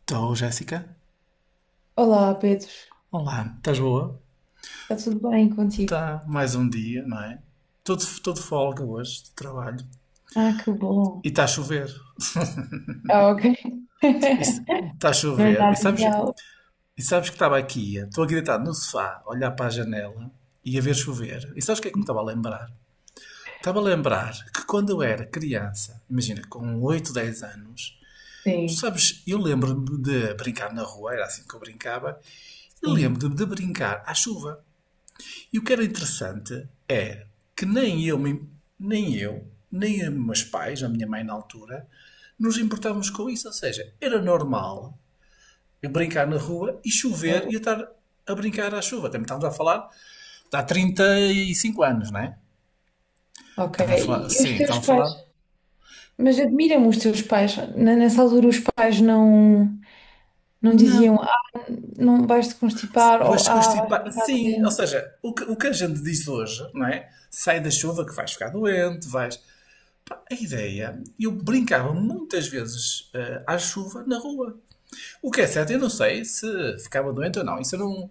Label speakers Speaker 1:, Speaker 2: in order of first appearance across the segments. Speaker 1: Estou, Jéssica.
Speaker 2: Olá, Pedro.
Speaker 1: Olá, estás boa?
Speaker 2: Está tudo bem contigo?
Speaker 1: Está mais um dia, não é? Todo folga hoje de trabalho.
Speaker 2: Ah, que bom.
Speaker 1: E está a chover.
Speaker 2: Ah, ok.
Speaker 1: E Está a
Speaker 2: Não é
Speaker 1: chover. E
Speaker 2: nada
Speaker 1: sabes,
Speaker 2: ideal.
Speaker 1: e sabes que estou aqui deitado no sofá, a olhar para a janela e a ver chover. E sabes o que é que me estava a lembrar? Estava a lembrar que quando eu era criança, imagina, com 8, 10 anos, tu
Speaker 2: Sim,
Speaker 1: sabes, eu lembro-me de brincar na rua, era assim que eu brincava, e
Speaker 2: sim.
Speaker 1: lembro-me de brincar à chuva. E o que era interessante é que nem eu, nem os meus pais, a minha mãe na altura, nos importávamos com isso. Ou seja, era normal eu brincar na rua e
Speaker 2: É,
Speaker 1: chover e eu estar a brincar à chuva. Também estávamos a falar há 35 anos, não é?
Speaker 2: ok.
Speaker 1: Estávamos a falar,
Speaker 2: E os
Speaker 1: sim,
Speaker 2: teus pais? Mas admiram me os teus pais. Nessa altura os pais não, não diziam,
Speaker 1: não,
Speaker 2: ah, não vais te constipar ou
Speaker 1: vais
Speaker 2: ah, vais
Speaker 1: constipar.
Speaker 2: ficar
Speaker 1: Sim, ou
Speaker 2: doente.
Speaker 1: seja, o que a gente diz hoje, não é? Sai da chuva que vais ficar doente, vais. Pá, a ideia, eu brincava muitas vezes à chuva na rua. O que é certo, eu não sei se ficava doente ou não. Isso eu não.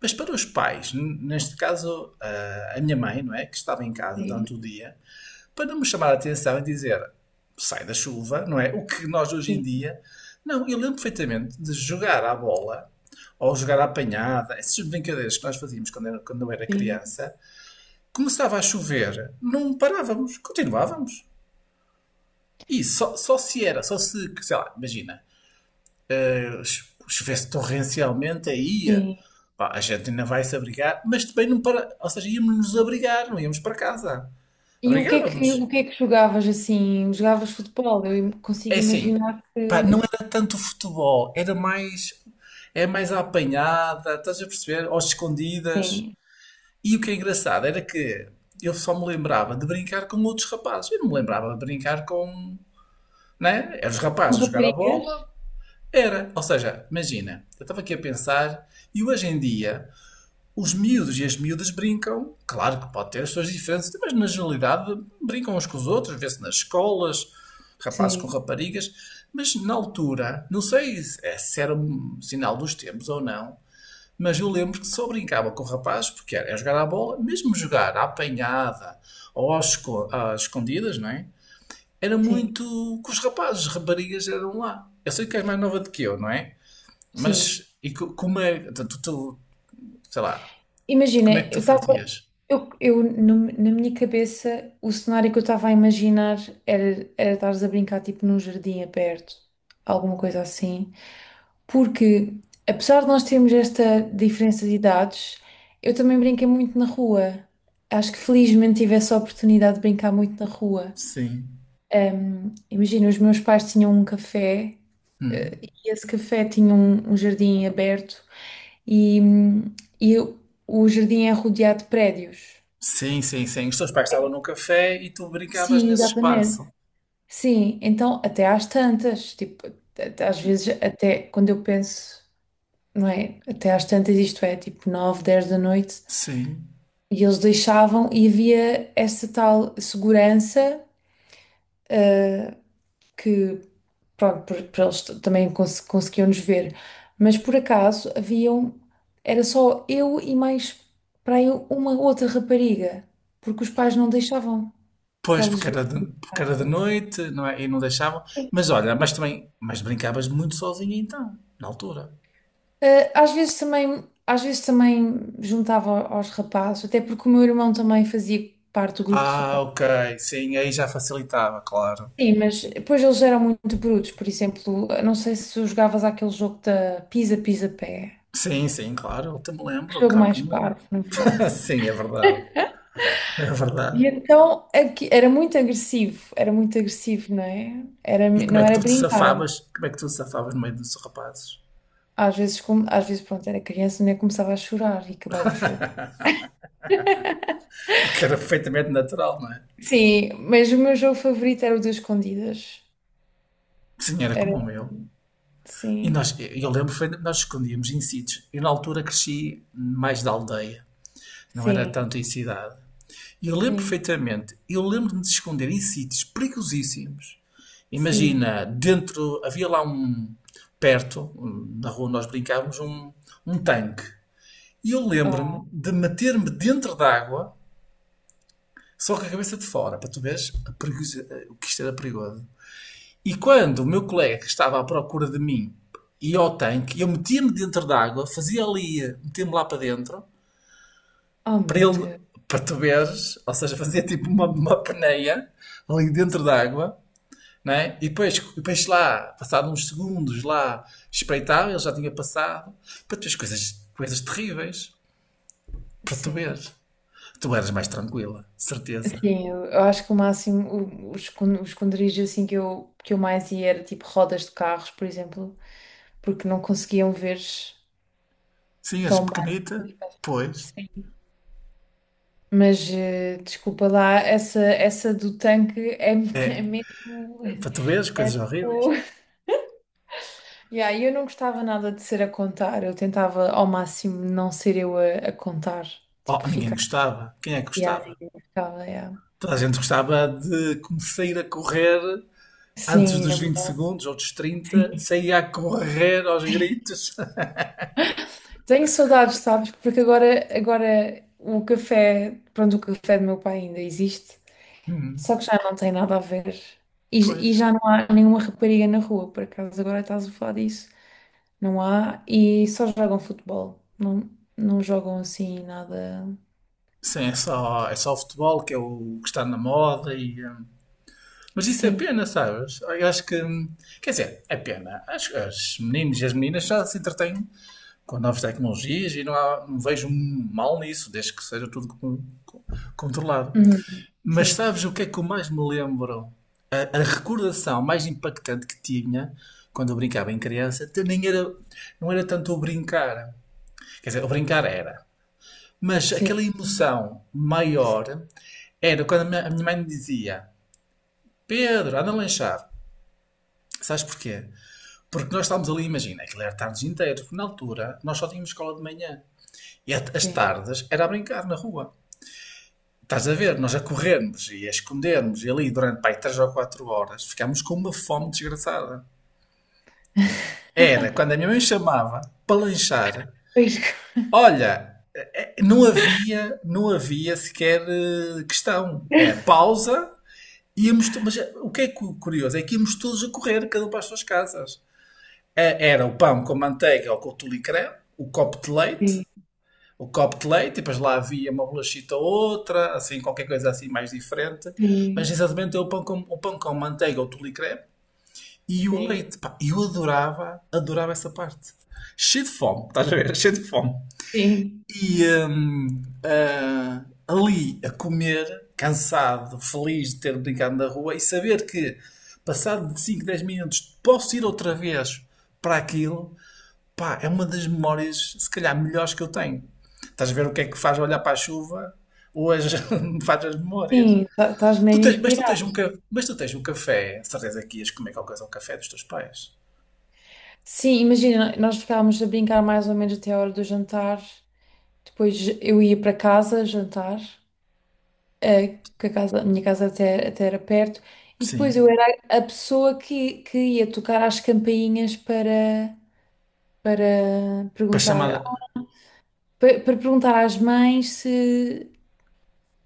Speaker 1: Mas para os pais, neste caso a minha mãe, não é, que estava em casa
Speaker 2: Sim,
Speaker 1: durante o dia, para não me chamar a atenção e dizer sai da chuva, não é? O que nós hoje em
Speaker 2: sim,
Speaker 1: dia. Não, eu lembro perfeitamente de jogar à bola ou jogar à apanhada, essas brincadeiras que nós fazíamos quando eu era
Speaker 2: sim,
Speaker 1: criança. Começava a chover, não parávamos, continuávamos. E só, só se era, só se, Sei lá, imagina, se chovesse torrencialmente, aí
Speaker 2: sim.
Speaker 1: pá, a gente ainda vai se abrigar, mas também não para. Ou seja, íamos nos abrigar, não íamos para casa.
Speaker 2: E o que é que, o
Speaker 1: Abrigávamos.
Speaker 2: que é que jogavas assim? Jogavas futebol? Consigo
Speaker 1: É assim,
Speaker 2: imaginar
Speaker 1: pá, não
Speaker 2: que...
Speaker 1: era tanto futebol, era mais. É mais à apanhada, estás a perceber? Ou escondidas.
Speaker 2: Sim.
Speaker 1: E o que é engraçado era que eu só me lembrava de brincar com outros rapazes. Eu não me lembrava de brincar com. Né? Eram os
Speaker 2: Com
Speaker 1: rapazes a jogar a
Speaker 2: raparigas?
Speaker 1: bola. Era. Ou seja, imagina, eu estava aqui a pensar e hoje em dia os miúdos e as miúdas brincam, claro que pode ter as suas diferenças, mas na generalidade brincam uns com os outros, vê-se nas escolas, rapazes com
Speaker 2: Sim,
Speaker 1: raparigas, mas na altura, não sei se era um sinal dos tempos ou não, mas eu lembro que só brincava com rapazes porque era jogar à bola, mesmo jogar à apanhada ou às escondidas, não é? Era
Speaker 2: sim.
Speaker 1: muito com os rapazes, as raparigas eram lá. Eu sei que és mais nova do que eu, não é?
Speaker 2: Sim.
Speaker 1: Mas e como é, sei lá,
Speaker 2: Imagina,
Speaker 1: como é que
Speaker 2: eu
Speaker 1: tu
Speaker 2: estava,
Speaker 1: fazias?
Speaker 2: eu no- na minha cabeça o cenário que eu estava a imaginar era, era estares a brincar tipo num jardim aberto, alguma coisa assim. Porque apesar de nós termos esta diferença de idades, eu também brinquei muito na rua. Acho que felizmente tive essa oportunidade de brincar muito na rua.
Speaker 1: Sim.
Speaker 2: Imagina, os meus pais tinham um café,
Speaker 1: Hum.
Speaker 2: e esse café tinha um jardim aberto e, hum, e o jardim é rodeado de prédios.
Speaker 1: Sim, sim, sim. Os teus pais estavam no café e tu brincavas
Speaker 2: Sim,
Speaker 1: nesse
Speaker 2: exatamente.
Speaker 1: espaço.
Speaker 2: Sim, então até às tantas, tipo, às vezes até quando eu penso, não é? Até às tantas, isto é, tipo nove dez da noite,
Speaker 1: Sim.
Speaker 2: e eles deixavam e havia essa tal segurança, eh, que, pronto, para eles também conseguiam nos ver. Mas por acaso haviam, era só eu e mais para aí uma outra rapariga, porque os pais não deixavam que
Speaker 1: Pois,
Speaker 2: elas viessem
Speaker 1: porque
Speaker 2: para a
Speaker 1: era de
Speaker 2: rua.
Speaker 1: noite, não é? E não deixavam. Mas olha, mas brincavas muito sozinha então, na altura.
Speaker 2: Às vezes também juntava aos rapazes, até porque o meu irmão também fazia parte do grupo de
Speaker 1: Ah,
Speaker 2: rapazes.
Speaker 1: ok. Sim, aí já facilitava, claro.
Speaker 2: Sim, mas depois eles eram muito brutos, por exemplo, eu não sei se tu jogavas aquele jogo da pisa, pisa, pé.
Speaker 1: Sim, sim, claro. Eu te me
Speaker 2: Que
Speaker 1: lembro,
Speaker 2: jogo
Speaker 1: claro que
Speaker 2: mais
Speaker 1: me lembro.
Speaker 2: parvo, na verdade.
Speaker 1: Sim, é verdade. É verdade.
Speaker 2: Era muito agressivo, era muito agressivo, não é? Era,
Speaker 1: E como é
Speaker 2: não
Speaker 1: que
Speaker 2: era
Speaker 1: tu te
Speaker 2: brincar.
Speaker 1: safavas? Como é que tu te safavas no meio dos rapazes?
Speaker 2: Às vezes, como, às vezes, pronto, era criança, nem começava a chorar e acabava o jogo.
Speaker 1: O que era perfeitamente natural, não é?
Speaker 2: Sim, mas o meu jogo favorito era o das escondidas.
Speaker 1: Sim, era como
Speaker 2: Era,
Speaker 1: o meu.
Speaker 2: sim,
Speaker 1: Nós escondíamos em sítios. Eu na altura cresci mais da aldeia, não era
Speaker 2: sim,
Speaker 1: tanto em cidade. E eu lembro
Speaker 2: sim,
Speaker 1: perfeitamente, eu lembro-me de esconder em sítios perigosíssimos.
Speaker 2: sim.
Speaker 1: Imagina, dentro, havia lá um, perto, um, na rua nós brincávamos, um tanque. E eu
Speaker 2: Oh,
Speaker 1: lembro-me de meter-me dentro d'água, só com a cabeça de fora, para tu veres o que isto era perigoso. E quando o meu colega estava à procura de mim ia ao tanque, eu metia-me dentro d'água, fazia ali, metia-me lá para dentro,
Speaker 2: oh
Speaker 1: para
Speaker 2: meu
Speaker 1: ele,
Speaker 2: Deus.
Speaker 1: para tu veres, ou seja, fazia tipo uma peneia ali dentro
Speaker 2: Sim,
Speaker 1: d'água, né? E depois, lá, passado uns segundos lá, espreitava, ele já tinha passado, para tu veres coisas, coisas terríveis, para tu
Speaker 2: sim.
Speaker 1: veres. Tu eras mais tranquila, certeza.
Speaker 2: Sim, eu acho que o máximo, o, o esconderijo assim que eu mais ia era tipo rodas de carros, por exemplo, porque não conseguiam ver.
Speaker 1: Sim, eras
Speaker 2: Tão bem.
Speaker 1: pequenita, pois.
Speaker 2: Sim. Mas desculpa lá, essa do tanque é, é
Speaker 1: É,
Speaker 2: mesmo.
Speaker 1: para tu veres
Speaker 2: É
Speaker 1: coisas horríveis.
Speaker 2: tipo. Yeah, eu não gostava nada de ser a contar, eu tentava ao máximo não ser eu a contar, tipo,
Speaker 1: Oh,
Speaker 2: a
Speaker 1: ninguém
Speaker 2: ficar.
Speaker 1: gostava. Quem é que
Speaker 2: Yeah,
Speaker 1: gostava?
Speaker 2: ninguém gostava, yeah.
Speaker 1: Toda a gente gostava de começar a correr antes
Speaker 2: Sim, é
Speaker 1: dos 20
Speaker 2: verdade.
Speaker 1: segundos ou dos 30
Speaker 2: Sim.
Speaker 1: sair a correr aos gritos.
Speaker 2: Tenho saudades, sabes? Porque agora, agora o café, pronto, o café do meu pai ainda existe.
Speaker 1: Hum,
Speaker 2: Só que já não tem nada a ver. E, e
Speaker 1: pois.
Speaker 2: já não há nenhuma rapariga na rua, por acaso agora estás a falar disso. Não há, e só jogam futebol. Não, não jogam assim nada.
Speaker 1: Sim, é só o futebol que é o que está na moda Mas isso é
Speaker 2: Sim.
Speaker 1: pena, sabes? Eu acho que. Quer dizer, é pena. Acho que os meninos e as meninas já se entretêm com novas tecnologias e não, não vejo mal nisso, desde que seja tudo controlado.
Speaker 2: Uhum.
Speaker 1: Mas
Speaker 2: Sim,
Speaker 1: sabes o que é que eu mais me lembro? A recordação mais impactante que tinha quando eu brincava em criança até nem era, não era tanto o brincar. Quer dizer, o brincar era. Mas
Speaker 2: sim,
Speaker 1: aquela emoção
Speaker 2: sim,
Speaker 1: maior era quando a minha mãe me dizia: Pedro, anda a lanchar. Sabes porquê? Porque nós estávamos ali, imagina, aquilo era tardes inteiras, porque na altura nós só tínhamos escola de manhã. As
Speaker 2: sim.
Speaker 1: tardes era a brincar na rua. Estás a ver, nós a corrermos e a escondermos e ali durante pai, 3 ou 4 horas ficámos com uma fome desgraçada. Era quando a minha mãe chamava para lanchar,
Speaker 2: Pois.
Speaker 1: olha, não havia, questão. É pausa, mas o que é curioso é que íamos todos a correr, cada um para as suas casas. Era o pão com manteiga ou com tulicré, o copo de leite
Speaker 2: Sim,
Speaker 1: e depois lá havia uma bolachita ou outra, assim, qualquer coisa assim mais diferente. Mas
Speaker 2: sim,
Speaker 1: exatamente é o pão com manteiga ou tule crepe e o
Speaker 2: sim,
Speaker 1: leite. Pá, eu adorava, adorava essa parte. Cheio de fome, estás a ver? Cheio de fome.
Speaker 2: sim.
Speaker 1: Ali a comer, cansado, feliz de ter brincado na rua e saber que, passado de 5, 10 minutos, posso ir outra vez para aquilo. Pá, é uma das memórias, se calhar, melhores que eu tenho. Estás a ver o que é que faz olhar para a chuva ou as, faz as memórias.
Speaker 2: Sim, estás meio
Speaker 1: Tu
Speaker 2: inspirado.
Speaker 1: tens um, mas tu tens um café, certeza que ias comer qualquer coisa ao café dos teus pais.
Speaker 2: Sim, imagina, nós ficávamos a brincar mais ou menos até a hora do jantar. Depois eu ia para casa jantar. Que a casa, a minha casa até, até era perto, e depois eu
Speaker 1: Sim.
Speaker 2: era a pessoa que ia tocar às campainhas para
Speaker 1: Para chamar,
Speaker 2: perguntar, para, para perguntar às mães se,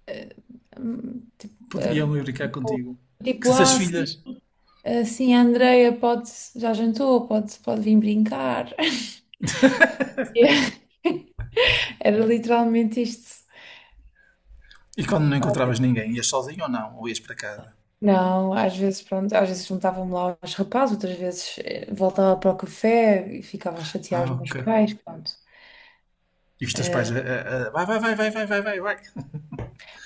Speaker 2: eh, tipo,
Speaker 1: podiam ir brincar contigo. Com
Speaker 2: tipo,
Speaker 1: essas
Speaker 2: ah, sim,
Speaker 1: filhas.
Speaker 2: ah, sim, a Andreia pode, já jantou, pode, pode vir brincar. Era literalmente isto.
Speaker 1: E quando não encontravas ninguém, ias sozinho ou não? Ou ias para casa?
Speaker 2: Não, às vezes, pronto, às vezes juntava-me lá aos rapazes, outras vezes voltava para o café e ficava a chatear os
Speaker 1: Ah,
Speaker 2: meus
Speaker 1: ok.
Speaker 2: pais, pronto.
Speaker 1: E os teus pais,
Speaker 2: Eh,
Speaker 1: vai, vai, vai, vai, vai, vai, vai, vai.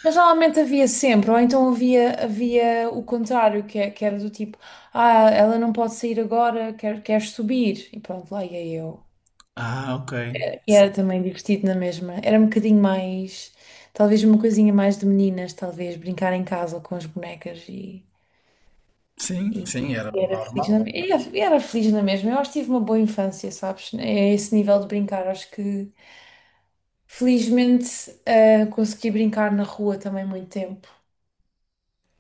Speaker 2: mas normalmente havia sempre, ou então havia, havia o contrário, que, que era do tipo, ah, ela não pode sair agora, quer, quer subir, e pronto, lá ia eu.
Speaker 1: Ah, ok.
Speaker 2: E era também divertido na mesma, era um bocadinho mais, talvez uma coisinha mais de meninas, talvez, brincar em casa com as bonecas.
Speaker 1: Sim,
Speaker 2: E
Speaker 1: sim, era o
Speaker 2: era feliz na,
Speaker 1: normal.
Speaker 2: e era feliz na mesma. Eu acho que tive uma boa infância, sabes? É esse nível de brincar. Acho que felizmente consegui brincar na rua também muito tempo.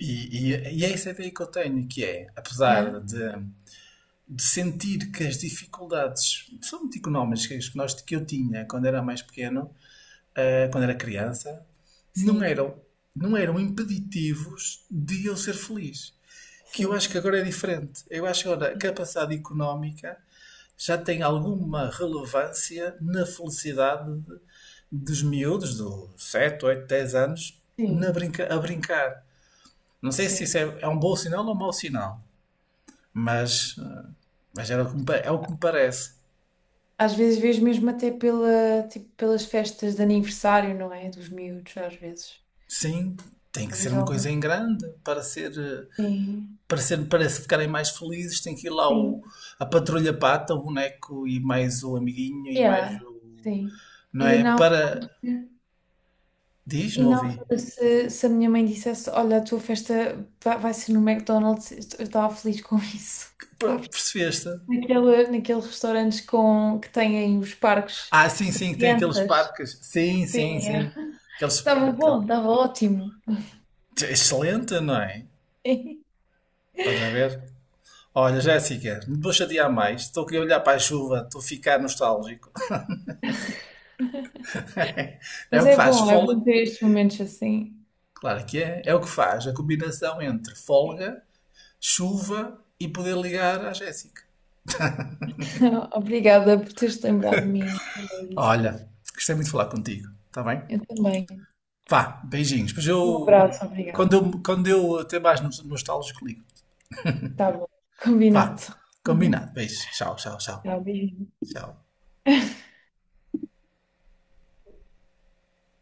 Speaker 1: E é essa ideia que eu tenho, que é,
Speaker 2: Yeah.
Speaker 1: apesar de sentir que as dificuldades, são muito económicas, que, nós, que eu tinha quando era mais pequeno, quando era criança, não
Speaker 2: Sim,
Speaker 1: eram, não eram impeditivos de eu ser feliz. Que eu acho
Speaker 2: sim,
Speaker 1: que agora é diferente. Eu acho que agora a
Speaker 2: sim,
Speaker 1: capacidade económica já tem alguma relevância na felicidade de- dos miúdos, dos 7 8 10 anos, na
Speaker 2: sim.
Speaker 1: brinca, a brincar. Não sei se
Speaker 2: Sim.
Speaker 1: é um bom sinal ou um mau sinal, mas, mas era o que é o que me parece.
Speaker 2: Às vezes vejo mesmo até pela, tipo, pelas festas de aniversário, não é? Dos miúdos, às vezes.
Speaker 1: Sim, tem que
Speaker 2: Às
Speaker 1: ser
Speaker 2: vezes
Speaker 1: uma
Speaker 2: alguma.
Speaker 1: coisa em grande para ser,
Speaker 2: Sim,
Speaker 1: para ser, para se ficarem mais felizes. Tem que ir lá o,
Speaker 2: sim.
Speaker 1: a patrulha pata, o boneco e mais o amiguinho e mais
Speaker 2: Yeah,
Speaker 1: o.
Speaker 2: sim.
Speaker 1: Não
Speaker 2: E
Speaker 1: é?
Speaker 2: não.
Speaker 1: Para. Diz,
Speaker 2: E
Speaker 1: não
Speaker 2: na
Speaker 1: ouvi.
Speaker 2: altura, se a minha mãe dissesse: Olha, a tua festa vai ser no McDonald's, eu estava feliz com isso. Sabes?
Speaker 1: Percebeste?
Speaker 2: Naquele, naqueles restaurantes com, que têm os parques.
Speaker 1: Ah, sim, sim, que tem aqueles
Speaker 2: Crianças.
Speaker 1: parques. Sim, sim,
Speaker 2: Sim, é.
Speaker 1: sim. Aqueles.
Speaker 2: Estava bom, estava ótimo.
Speaker 1: Excelente, não é? Estás a ver? Olha, Jéssica, não te vou chatear mais. Estou aqui a olhar para a chuva, estou a ficar nostálgico. É
Speaker 2: Mas
Speaker 1: o que faz
Speaker 2: é
Speaker 1: folga,
Speaker 2: bom ter estes momentos assim.
Speaker 1: claro que é. É o que faz a combinação entre
Speaker 2: Sim.
Speaker 1: folga, chuva e poder ligar à Jéssica.
Speaker 2: Obrigada por teres lembrado de mim.
Speaker 1: Olha, gostei muito de falar contigo, está bem?
Speaker 2: Eu também.
Speaker 1: Vá, beijinhos. Pois
Speaker 2: Um
Speaker 1: eu,
Speaker 2: abraço,
Speaker 1: quando
Speaker 2: obrigada.
Speaker 1: eu, quando eu até mais nostálgico, ligo.
Speaker 2: Tá bom,
Speaker 1: Vá,
Speaker 2: combinado.
Speaker 1: combinado. Beijos. Tchau, tchau, tchau.
Speaker 2: Tchau, beijinho.
Speaker 1: Tchau.